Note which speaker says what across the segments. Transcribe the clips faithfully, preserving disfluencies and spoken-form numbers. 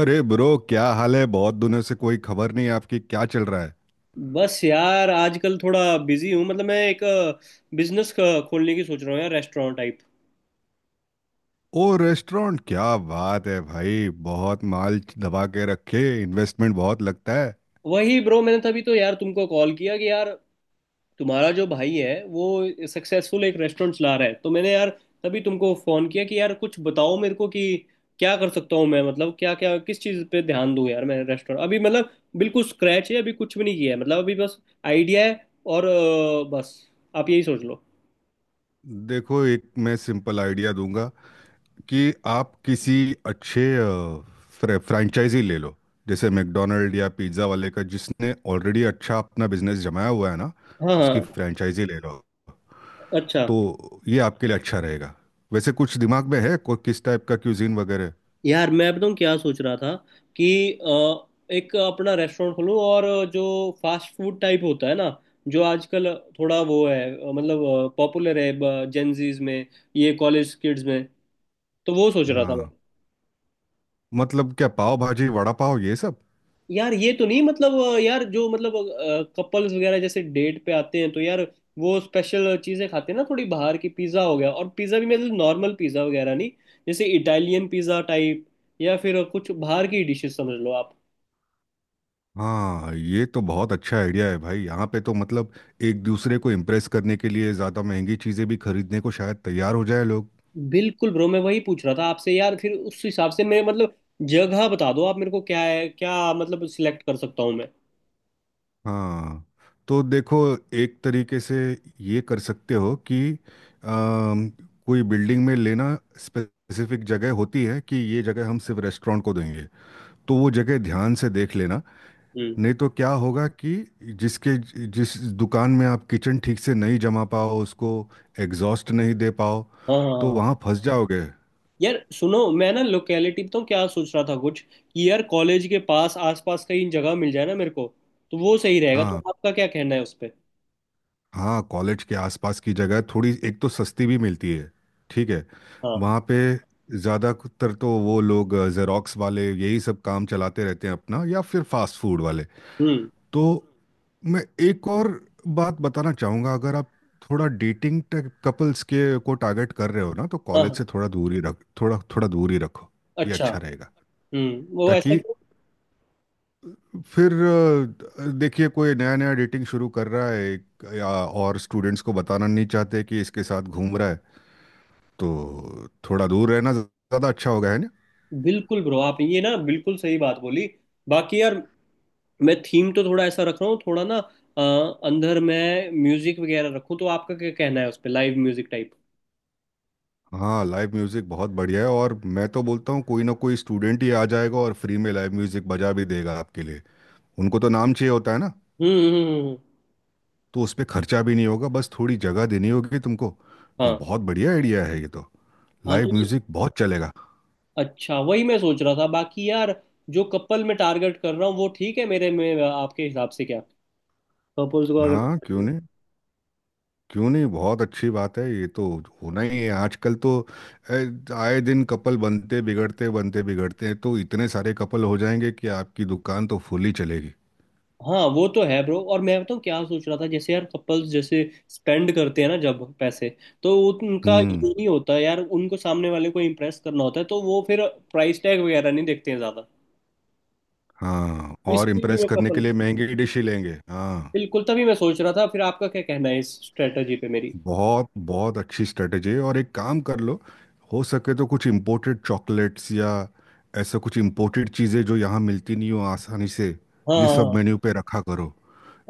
Speaker 1: अरे ब्रो, क्या हाल है? बहुत दिनों से कोई खबर नहीं आपकी। क्या चल रहा है?
Speaker 2: बस यार आजकल थोड़ा बिजी हूँ। मतलब मैं एक बिजनेस खोलने की सोच रहा हूँ यार, रेस्टोरेंट टाइप।
Speaker 1: ओ, रेस्टोरेंट? क्या बात है भाई! बहुत माल दबा के रखे। इन्वेस्टमेंट बहुत लगता है।
Speaker 2: वही ब्रो, मैंने तभी तो यार तुमको कॉल किया कि यार तुम्हारा जो भाई है वो सक्सेसफुल एक रेस्टोरेंट चला रहा है, तो मैंने यार तभी तुमको फोन किया कि यार कुछ बताओ मेरे को कि क्या कर सकता हूँ मैं। मतलब क्या क्या किस चीज़ पे ध्यान दूँ यार। मैं रेस्टोरेंट अभी मतलब बिल्कुल स्क्रैच है, अभी कुछ भी नहीं किया है, मतलब अभी बस आइडिया है और अ, बस आप यही सोच लो।
Speaker 1: देखो, एक मैं सिंपल आइडिया दूंगा कि आप किसी अच्छे फ्रेंचाइजी ले लो। जैसे मैकडोनल्ड या पिज्ज़ा वाले का, जिसने ऑलरेडी अच्छा अपना बिजनेस जमाया हुआ है ना।
Speaker 2: हाँ
Speaker 1: उसकी
Speaker 2: हाँ।
Speaker 1: फ्रेंचाइजी ले लो,
Speaker 2: अच्छा।
Speaker 1: तो ये आपके लिए अच्छा रहेगा। वैसे कुछ दिमाग में है को- किस टाइप का क्यूजीन वगैरह?
Speaker 2: यार मैं बताऊँ क्या सोच रहा था कि अ, एक अपना रेस्टोरेंट खोलूँ, और जो फास्ट फूड टाइप होता है ना, जो आजकल थोड़ा वो है अ, मतलब पॉपुलर है जेंजीज में, ये कॉलेज किड्स में, तो वो सोच रहा था मैं।
Speaker 1: हाँ, मतलब क्या पाव भाजी वड़ा पाव ये सब?
Speaker 2: यार ये तो नहीं, मतलब अ, यार जो मतलब कपल्स वगैरह जैसे डेट पे आते हैं तो यार वो स्पेशल चीज़ें खाते हैं ना थोड़ी बाहर की। पिज़्ज़ा हो गया, और पिज़्ज़ा भी मतलब नॉर्मल पिज़्ज़ा वगैरह नहीं, जैसे इटालियन पिज़्ज़ा टाइप, या फिर कुछ बाहर की डिशेस, समझ लो आप।
Speaker 1: हाँ, ये तो बहुत अच्छा आइडिया है भाई। यहाँ पे तो मतलब एक दूसरे को इम्प्रेस करने के लिए ज़्यादा महंगी चीज़ें भी खरीदने को शायद तैयार हो जाए लोग।
Speaker 2: बिल्कुल ब्रो, मैं वही पूछ रहा था आपसे यार। फिर उस हिसाब से मैं मतलब जगह बता दो आप मेरे को, क्या है क्या मतलब सिलेक्ट कर सकता हूँ मैं।
Speaker 1: हाँ, तो देखो, एक तरीके से ये कर सकते हो कि अम, कोई बिल्डिंग में लेना। स्पेसिफिक जगह होती है कि ये जगह हम सिर्फ रेस्टोरेंट को देंगे, तो वो जगह ध्यान से देख लेना।
Speaker 2: हम्म।
Speaker 1: नहीं तो क्या होगा कि जिसके जिस दुकान में आप किचन ठीक से नहीं जमा पाओ, उसको एग्जॉस्ट नहीं दे पाओ,
Speaker 2: हाँ हाँ हाँ
Speaker 1: तो
Speaker 2: हाँ।
Speaker 1: वहाँ फंस जाओगे।
Speaker 2: यार सुनो, मैं ना लोकेलिटी तो क्या सोच रहा था कुछ, कि यार कॉलेज के पास आसपास कहीं जगह मिल जाए ना मेरे को, तो वो सही रहेगा। तो
Speaker 1: हाँ,
Speaker 2: आपका क्या कहना है उस पे।
Speaker 1: हाँ कॉलेज के आसपास की जगह थोड़ी एक तो सस्ती भी मिलती है। ठीक है।
Speaker 2: हाँ।
Speaker 1: वहाँ पे ज़्यादातर तो वो लोग जेरोक्स वाले यही सब काम चलाते रहते हैं अपना, या फिर फास्ट फूड वाले।
Speaker 2: हम्म।
Speaker 1: तो मैं एक और बात बताना चाहूँगा। अगर आप थोड़ा डेटिंग कपल्स के को टारगेट कर रहे हो ना, तो
Speaker 2: हाँ
Speaker 1: कॉलेज से
Speaker 2: हाँ।
Speaker 1: थोड़ा दूर ही रख थोड़ा थोड़ा दूर ही रखो। ये
Speaker 2: अच्छा।
Speaker 1: अच्छा रहेगा,
Speaker 2: हम्म, वो ऐसा।
Speaker 1: ताकि फिर अ, देखिए, कोई नया नया डेटिंग शुरू कर रहा है एक- या और स्टूडेंट्स को बताना नहीं चाहते कि इसके साथ घूम रहा है। तो थोड़ा दूर रहना ज़्यादा अच्छा होगा, है ना।
Speaker 2: बिल्कुल ब्रो, आप ये ना बिल्कुल सही बात बोली। बाकी यार मैं थीम तो थोड़ा ऐसा रख रहा हूँ थोड़ा ना, अ, अंदर मैं म्यूजिक वगैरह रखूँ तो आपका क्या कहना है उस पे, लाइव म्यूजिक टाइप।
Speaker 1: हाँ, लाइव म्यूज़िक बहुत बढ़िया है। और मैं तो बोलता हूँ कोई ना कोई स्टूडेंट ही आ जाएगा और फ्री में लाइव म्यूज़िक बजा भी देगा आपके लिए। उनको तो नाम चाहिए होता है ना।
Speaker 2: हम्म हम्म, हम्म।
Speaker 1: तो उस पे खर्चा भी नहीं होगा, बस थोड़ी जगह देनी होगी तुमको। तो
Speaker 2: हाँ।
Speaker 1: बहुत बढ़िया आइडिया है ये तो।
Speaker 2: हाँ तो
Speaker 1: लाइव
Speaker 2: ये।
Speaker 1: म्यूजिक बहुत चलेगा।
Speaker 2: अच्छा, वही मैं सोच रहा था। बाकी यार जो कपल मैं टारगेट कर रहा हूँ वो ठीक है मेरे में, आपके हिसाब से क्या कपल्स को अगर।
Speaker 1: हाँ, क्यों नहीं, क्यों नहीं, बहुत अच्छी बात है ये तो। होना ही है आजकल तो। ए, आए दिन कपल बनते बिगड़ते बनते बिगड़ते हैं, तो इतने सारे कपल हो जाएंगे कि आपकी दुकान तो फुल ही चलेगी।
Speaker 2: हाँ वो तो है ब्रो। और मैं बताऊँ क्या सोच रहा था, जैसे यार कपल्स जैसे स्पेंड करते हैं ना जब पैसे, तो उनका
Speaker 1: हम्म।
Speaker 2: ये नहीं होता यार, उनको सामने वाले को इम्प्रेस करना होता है, तो वो फिर प्राइस टैग वगैरह नहीं देखते हैं ज़्यादा।
Speaker 1: हाँ,
Speaker 2: तो
Speaker 1: और
Speaker 2: इसीलिए भी
Speaker 1: इम्प्रेस
Speaker 2: मैं
Speaker 1: करने के
Speaker 2: कपल
Speaker 1: लिए महंगी डिश ही लेंगे, हाँ।
Speaker 2: बिल्कुल, तभी मैं सोच रहा था। फिर आपका क्या कहना है इस स्ट्रेटजी पे मेरी।
Speaker 1: बहुत बहुत अच्छी स्ट्रेटेजी है। और एक काम कर लो, हो सके तो कुछ इम्पोर्टेड चॉकलेट्स या ऐसा कुछ इम्पोर्टेड चीज़ें जो यहाँ मिलती नहीं हो आसानी से,
Speaker 2: हाँ
Speaker 1: ये सब
Speaker 2: हाँ।
Speaker 1: मेन्यू पे रखा करो।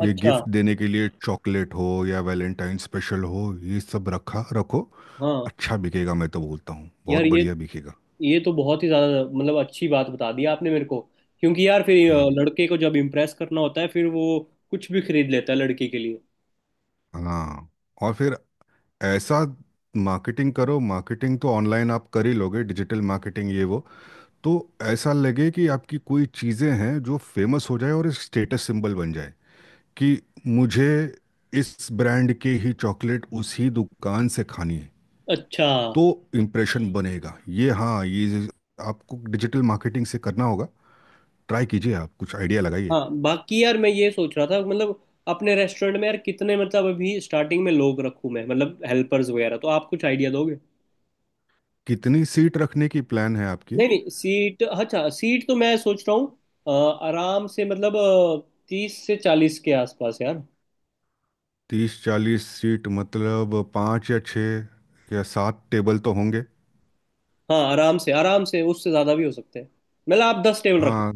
Speaker 1: ये
Speaker 2: अच्छा।
Speaker 1: गिफ्ट देने के लिए चॉकलेट हो या वैलेंटाइन स्पेशल हो, ये सब रखा रखो।
Speaker 2: हाँ,
Speaker 1: अच्छा बिकेगा, मैं तो बोलता हूँ बहुत
Speaker 2: यार ये
Speaker 1: बढ़िया बिकेगा।
Speaker 2: ये तो बहुत ही ज़्यादा मतलब अच्छी बात बता दी आपने मेरे को, क्योंकि यार फिर अ,
Speaker 1: हाँ,
Speaker 2: लड़के को जब इम्प्रेस करना होता है फिर वो कुछ भी खरीद लेता है लड़की के लिए।
Speaker 1: हाँ, और फिर ऐसा मार्केटिंग करो। मार्केटिंग तो ऑनलाइन आप कर ही लोगे, डिजिटल मार्केटिंग, ये वो। तो ऐसा लगे कि आपकी कोई चीज़ें हैं जो फेमस हो जाए और एक स्टेटस सिंबल बन जाए, कि मुझे इस ब्रांड के ही चॉकलेट उसी दुकान से खानी है।
Speaker 2: अच्छा।
Speaker 1: तो इम्प्रेशन बनेगा ये। हाँ, ये आपको डिजिटल मार्केटिंग से करना होगा। ट्राई कीजिए, आप कुछ आइडिया लगाइए।
Speaker 2: हाँ। बाकी यार मैं ये सोच रहा था, मतलब अपने रेस्टोरेंट में यार कितने मतलब अभी स्टार्टिंग में लोग रखूं मैं, मतलब हेल्पर्स वगैरह, तो आप कुछ आइडिया दोगे।
Speaker 1: कितनी सीट रखने की प्लान है आपकी?
Speaker 2: नहीं नहीं, सीट अच्छा, सीट तो मैं सोच रहा हूँ अ, आराम से मतलब तीस से चालीस के आसपास यार।
Speaker 1: तीस चालीस सीट मतलब पाँच या छः या सात टेबल तो होंगे।
Speaker 2: हाँ, आराम से आराम से, उससे ज़्यादा भी हो सकते हैं। मतलब आप दस टेबल रखो।
Speaker 1: हाँ,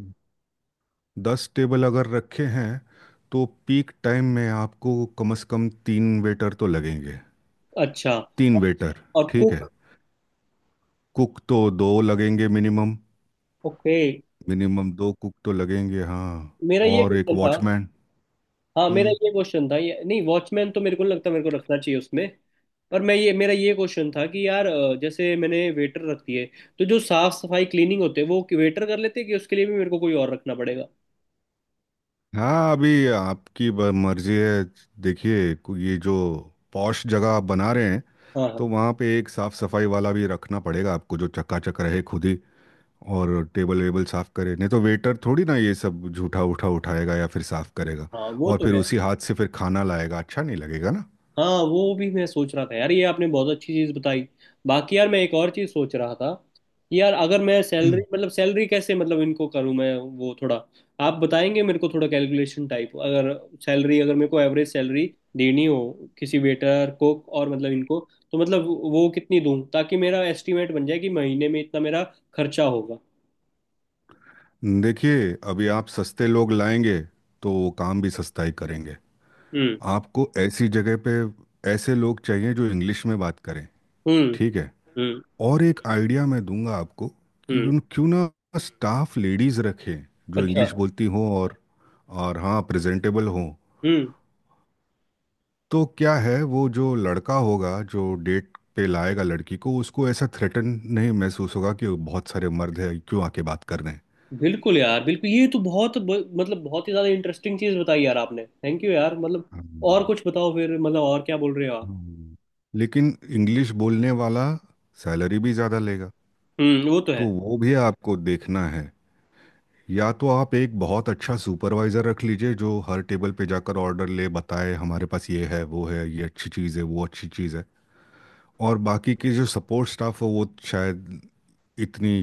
Speaker 1: दस टेबल अगर रखे हैं, तो पीक टाइम में आपको कम से कम तीन वेटर तो लगेंगे।
Speaker 2: अच्छा।
Speaker 1: तीन वेटर।
Speaker 2: और
Speaker 1: ठीक है,
Speaker 2: कुक?
Speaker 1: कुक तो दो लगेंगे मिनिमम।
Speaker 2: ओके।
Speaker 1: मिनिमम दो कुक तो लगेंगे, हाँ।
Speaker 2: मेरा ये
Speaker 1: और एक
Speaker 2: क्वेश्चन था।
Speaker 1: वॉचमैन।
Speaker 2: हाँ, मेरा
Speaker 1: हम्म।
Speaker 2: ये क्वेश्चन था, ये नहीं, वॉचमैन तो मेरे को नहीं लगता मेरे को रखना चाहिए उसमें। पर मैं ये मेरा ये क्वेश्चन था कि यार अ, जैसे मैंने वेटर रख दिए, तो जो साफ सफाई क्लीनिंग होते हैं वो वेटर कर लेते हैं, कि उसके लिए भी मेरे को कोई और रखना पड़ेगा।
Speaker 1: हाँ, अभी आपकी ब- मर्जी है। देखिए, को- ये जो पॉश जगह आप बना रहे हैं,
Speaker 2: हाँ
Speaker 1: तो
Speaker 2: हाँ
Speaker 1: वहाँ पे एक साफ सफाई वाला भी रखना पड़ेगा आपको, जो चकाचक रहे खुद ही और टेबल वेबल साफ करे। नहीं तो वेटर थोड़ी ना ये सब झूठा उठा उठाएगा या फिर साफ करेगा।
Speaker 2: हाँ। वो
Speaker 1: और
Speaker 2: तो
Speaker 1: फिर
Speaker 2: है।
Speaker 1: उसी हाथ से फिर खाना लाएगा, अच्छा नहीं लगेगा ना।
Speaker 2: हाँ, वो भी मैं सोच रहा था यार, ये आपने बहुत अच्छी चीज़ बताई। बाकी यार मैं एक और चीज़ सोच रहा था कि यार अगर मैं सैलरी
Speaker 1: हम्म।
Speaker 2: मतलब सैलरी कैसे मतलब इनको करूँ मैं, वो थोड़ा आप बताएंगे मेरे को थोड़ा कैलकुलेशन टाइप। अगर सैलरी अगर मेरे को एवरेज सैलरी देनी हो किसी वेटर कुक और मतलब इनको, तो मतलब वो कितनी दूँ ताकि मेरा एस्टिमेट बन जाए कि महीने में इतना मेरा खर्चा होगा।
Speaker 1: देखिए, अभी आप सस्ते लोग लाएंगे तो वो काम भी सस्ता ही करेंगे।
Speaker 2: हम्म।
Speaker 1: आपको ऐसी जगह पे ऐसे लोग चाहिए जो इंग्लिश में बात करें।
Speaker 2: हम्म।
Speaker 1: ठीक है।
Speaker 2: हम्म।
Speaker 1: और एक आइडिया मैं दूंगा आपको, कि
Speaker 2: हम्म।
Speaker 1: क्यों क्यों ना स्टाफ लेडीज़ रखें, जो
Speaker 2: अच्छा।
Speaker 1: इंग्लिश बोलती हों और और हाँ प्रेजेंटेबल हों।
Speaker 2: हम्म।
Speaker 1: तो क्या है, वो जो लड़का होगा जो डेट पे लाएगा लड़की को, उसको ऐसा थ्रेटन नहीं महसूस होगा कि बहुत सारे मर्द हैं क्यों आके बात कर रहे हैं।
Speaker 2: बिल्कुल यार, बिल्कुल ये तो बहुत ब- मतलब बहुत ही ज्यादा इंटरेस्टिंग चीज बताई यार आपने, थैंक यू यार मतलब। और
Speaker 1: हम्म,
Speaker 2: कुछ बताओ फिर, मतलब और क्या बोल रहे हो आप।
Speaker 1: हम्म। लेकिन इंग्लिश बोलने वाला सैलरी भी ज़्यादा लेगा,
Speaker 2: हम्म, वो तो है।
Speaker 1: तो वो भी आपको देखना है। या तो आप एक बहुत अच्छा सुपरवाइज़र रख लीजिए जो हर टेबल पे जाकर ऑर्डर ले, बताए हमारे पास ये है वो है, ये अच्छी चीज़ है वो अच्छी चीज़ है। और बाकी के जो सपोर्ट स्टाफ हो वो शायद इतनी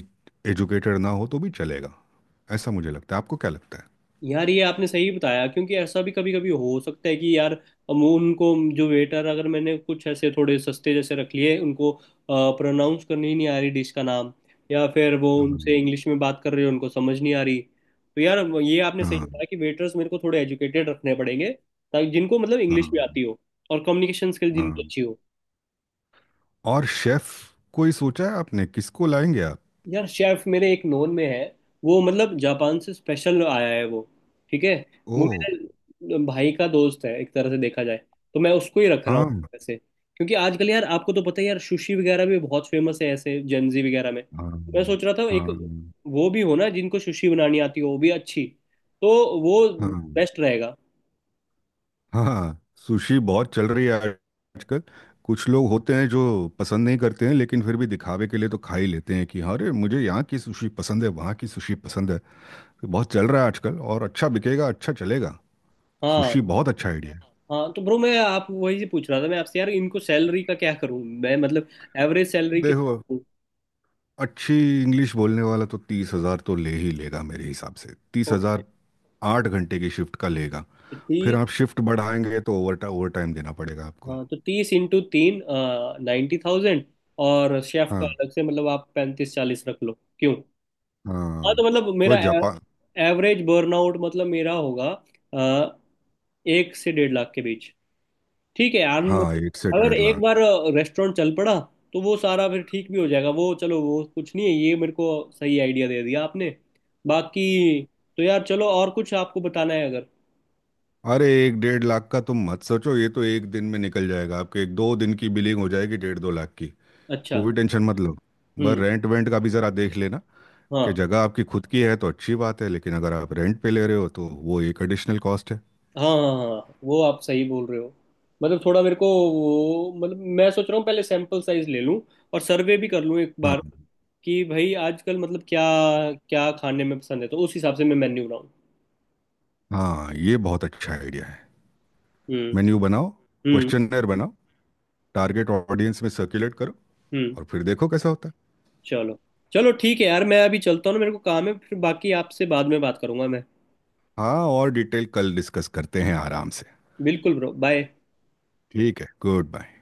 Speaker 1: एजुकेटेड ना हो तो भी चलेगा। ऐसा मुझे लगता है, आपको क्या लगता है?
Speaker 2: यार ये आपने सही बताया, क्योंकि ऐसा भी कभी कभी हो सकता है कि यार हम उनको जो वेटर अगर मैंने कुछ ऐसे थोड़े सस्ते जैसे रख लिए, उनको प्रोनाउंस करनी ही नहीं आ रही डिश का नाम, या फिर वो उनसे
Speaker 1: हाँ
Speaker 2: इंग्लिश में बात कर रहे हो उनको समझ नहीं आ रही। तो यार ये आपने सही
Speaker 1: हाँ
Speaker 2: बताया कि वेटर्स मेरे को थोड़े एजुकेटेड रखने पड़ेंगे, ताकि जिनको मतलब इंग्लिश भी
Speaker 1: हाँ
Speaker 2: आती हो, और कम्युनिकेशन स्किल जिनकी
Speaker 1: हाँ।
Speaker 2: अच्छी हो।
Speaker 1: और शेफ कोई सोचा है आपने, किसको लाएंगे आप?
Speaker 2: यार शेफ मेरे एक नोन में है, वो मतलब जापान से स्पेशल आया है वो, ठीक है।
Speaker 1: ओ।
Speaker 2: वो मेरे भाई का दोस्त है एक तरह से देखा जाए, तो मैं उसको ही रख रहा हूँ
Speaker 1: हाँ।
Speaker 2: वैसे, क्योंकि आजकल यार आपको तो पता है यार, सुशी वगैरह भी बहुत फेमस है ऐसे जेंजी वगैरह में।
Speaker 1: हाँ
Speaker 2: मैं सोच रहा था एक
Speaker 1: हाँ
Speaker 2: वो भी हो ना जिनको सुशी बनानी आती हो वो भी अच्छी, तो वो
Speaker 1: हाँ
Speaker 2: बेस्ट रहेगा।
Speaker 1: हाँ हाँ। सुशी बहुत चल रही है आजकल। कुछ लोग होते हैं जो पसंद नहीं करते हैं, लेकिन फिर भी दिखावे के लिए तो खा ही लेते हैं, कि अरे, मुझे यहाँ की सुशी पसंद है, वहाँ की सुशी पसंद है। बहुत चल रहा है आजकल, और अच्छा बिकेगा, अच्छा चलेगा।
Speaker 2: हाँ।
Speaker 1: सुशी बहुत अच्छा आइडिया
Speaker 2: हाँ तो ब्रो मैं आप वही से पूछ रहा था मैं आपसे यार, इनको सैलरी का क्या करूँ मैं, मतलब एवरेज
Speaker 1: है।
Speaker 2: सैलरी
Speaker 1: देखो, अच्छी इंग्लिश बोलने वाला तो तीस हजार तो ले ही लेगा मेरे हिसाब से, तीस
Speaker 2: कितनी।
Speaker 1: हजार आठ घंटे की शिफ्ट का लेगा। फिर आप शिफ्ट बढ़ाएंगे तो ओवर ओवर टाइम देना पड़ेगा आपको।
Speaker 2: हाँ तो तीस इंटू तीन, नाइन्टी थाउजेंड। और शेफ का
Speaker 1: हाँ।
Speaker 2: अलग से, मतलब आप पैंतीस चालीस रख लो क्यों। हाँ, तो
Speaker 1: हाँ,
Speaker 2: मतलब
Speaker 1: वह
Speaker 2: मेरा
Speaker 1: जापान।
Speaker 2: एवरेज बर्नआउट मतलब मेरा होगा अ, एक से डेढ़ लाख के बीच। ठीक है यार,
Speaker 1: हाँ,
Speaker 2: मतलब
Speaker 1: एक से
Speaker 2: अगर
Speaker 1: डेढ़
Speaker 2: एक बार
Speaker 1: लाख।
Speaker 2: रेस्टोरेंट चल पड़ा तो वो सारा फिर ठीक भी हो जाएगा, वो चलो वो कुछ नहीं है। ये मेरे को सही आइडिया दे दिया आपने बाकी। तो यार चलो, और कुछ आपको बताना है अगर।
Speaker 1: अरे एक डेढ़ लाख का तुम मत सोचो, ये तो एक दिन में निकल जाएगा। आपके एक दो दिन की बिलिंग हो जाएगी डेढ़ दो लाख की।
Speaker 2: अच्छा।
Speaker 1: कोई टेंशन मत लो। बस
Speaker 2: हम्म।
Speaker 1: रेंट वेंट का भी ज़रा देख लेना, कि
Speaker 2: हाँ
Speaker 1: जगह आपकी खुद की है तो अच्छी बात है, लेकिन अगर आप रेंट पे ले रहे हो तो वो एक एडिशनल कॉस्ट है।
Speaker 2: हाँ हाँ हाँ, हाँ, वो आप सही बोल रहे हो, मतलब थोड़ा मेरे को वो मतलब मैं सोच रहा हूँ पहले सैंपल साइज ले लूँ, और सर्वे भी कर लूँ एक बार
Speaker 1: हाँ।
Speaker 2: कि भाई आजकल मतलब क्या क्या खाने में पसंद है, तो उस हिसाब से मैं मेन्यू बनाऊँ।
Speaker 1: हाँ, ये बहुत अच्छा आइडिया है।
Speaker 2: हम्म।
Speaker 1: मेन्यू बनाओ,
Speaker 2: हम्म।
Speaker 1: क्वेश्चनर बनाओ, टारगेट ऑडियंस में सर्कुलेट करो,
Speaker 2: हम्म।
Speaker 1: और फिर देखो कैसा होता है।
Speaker 2: चलो, चलो ठीक है यार, मैं अभी चलता हूँ ना, मेरे को काम है, फिर बाकी आपसे बाद में बात करूंगा मैं।
Speaker 1: हाँ, और डिटेल कल डिस्कस करते हैं आराम से।
Speaker 2: बिल्कुल ब्रो, बाय।
Speaker 1: ठीक है, गुड बाय।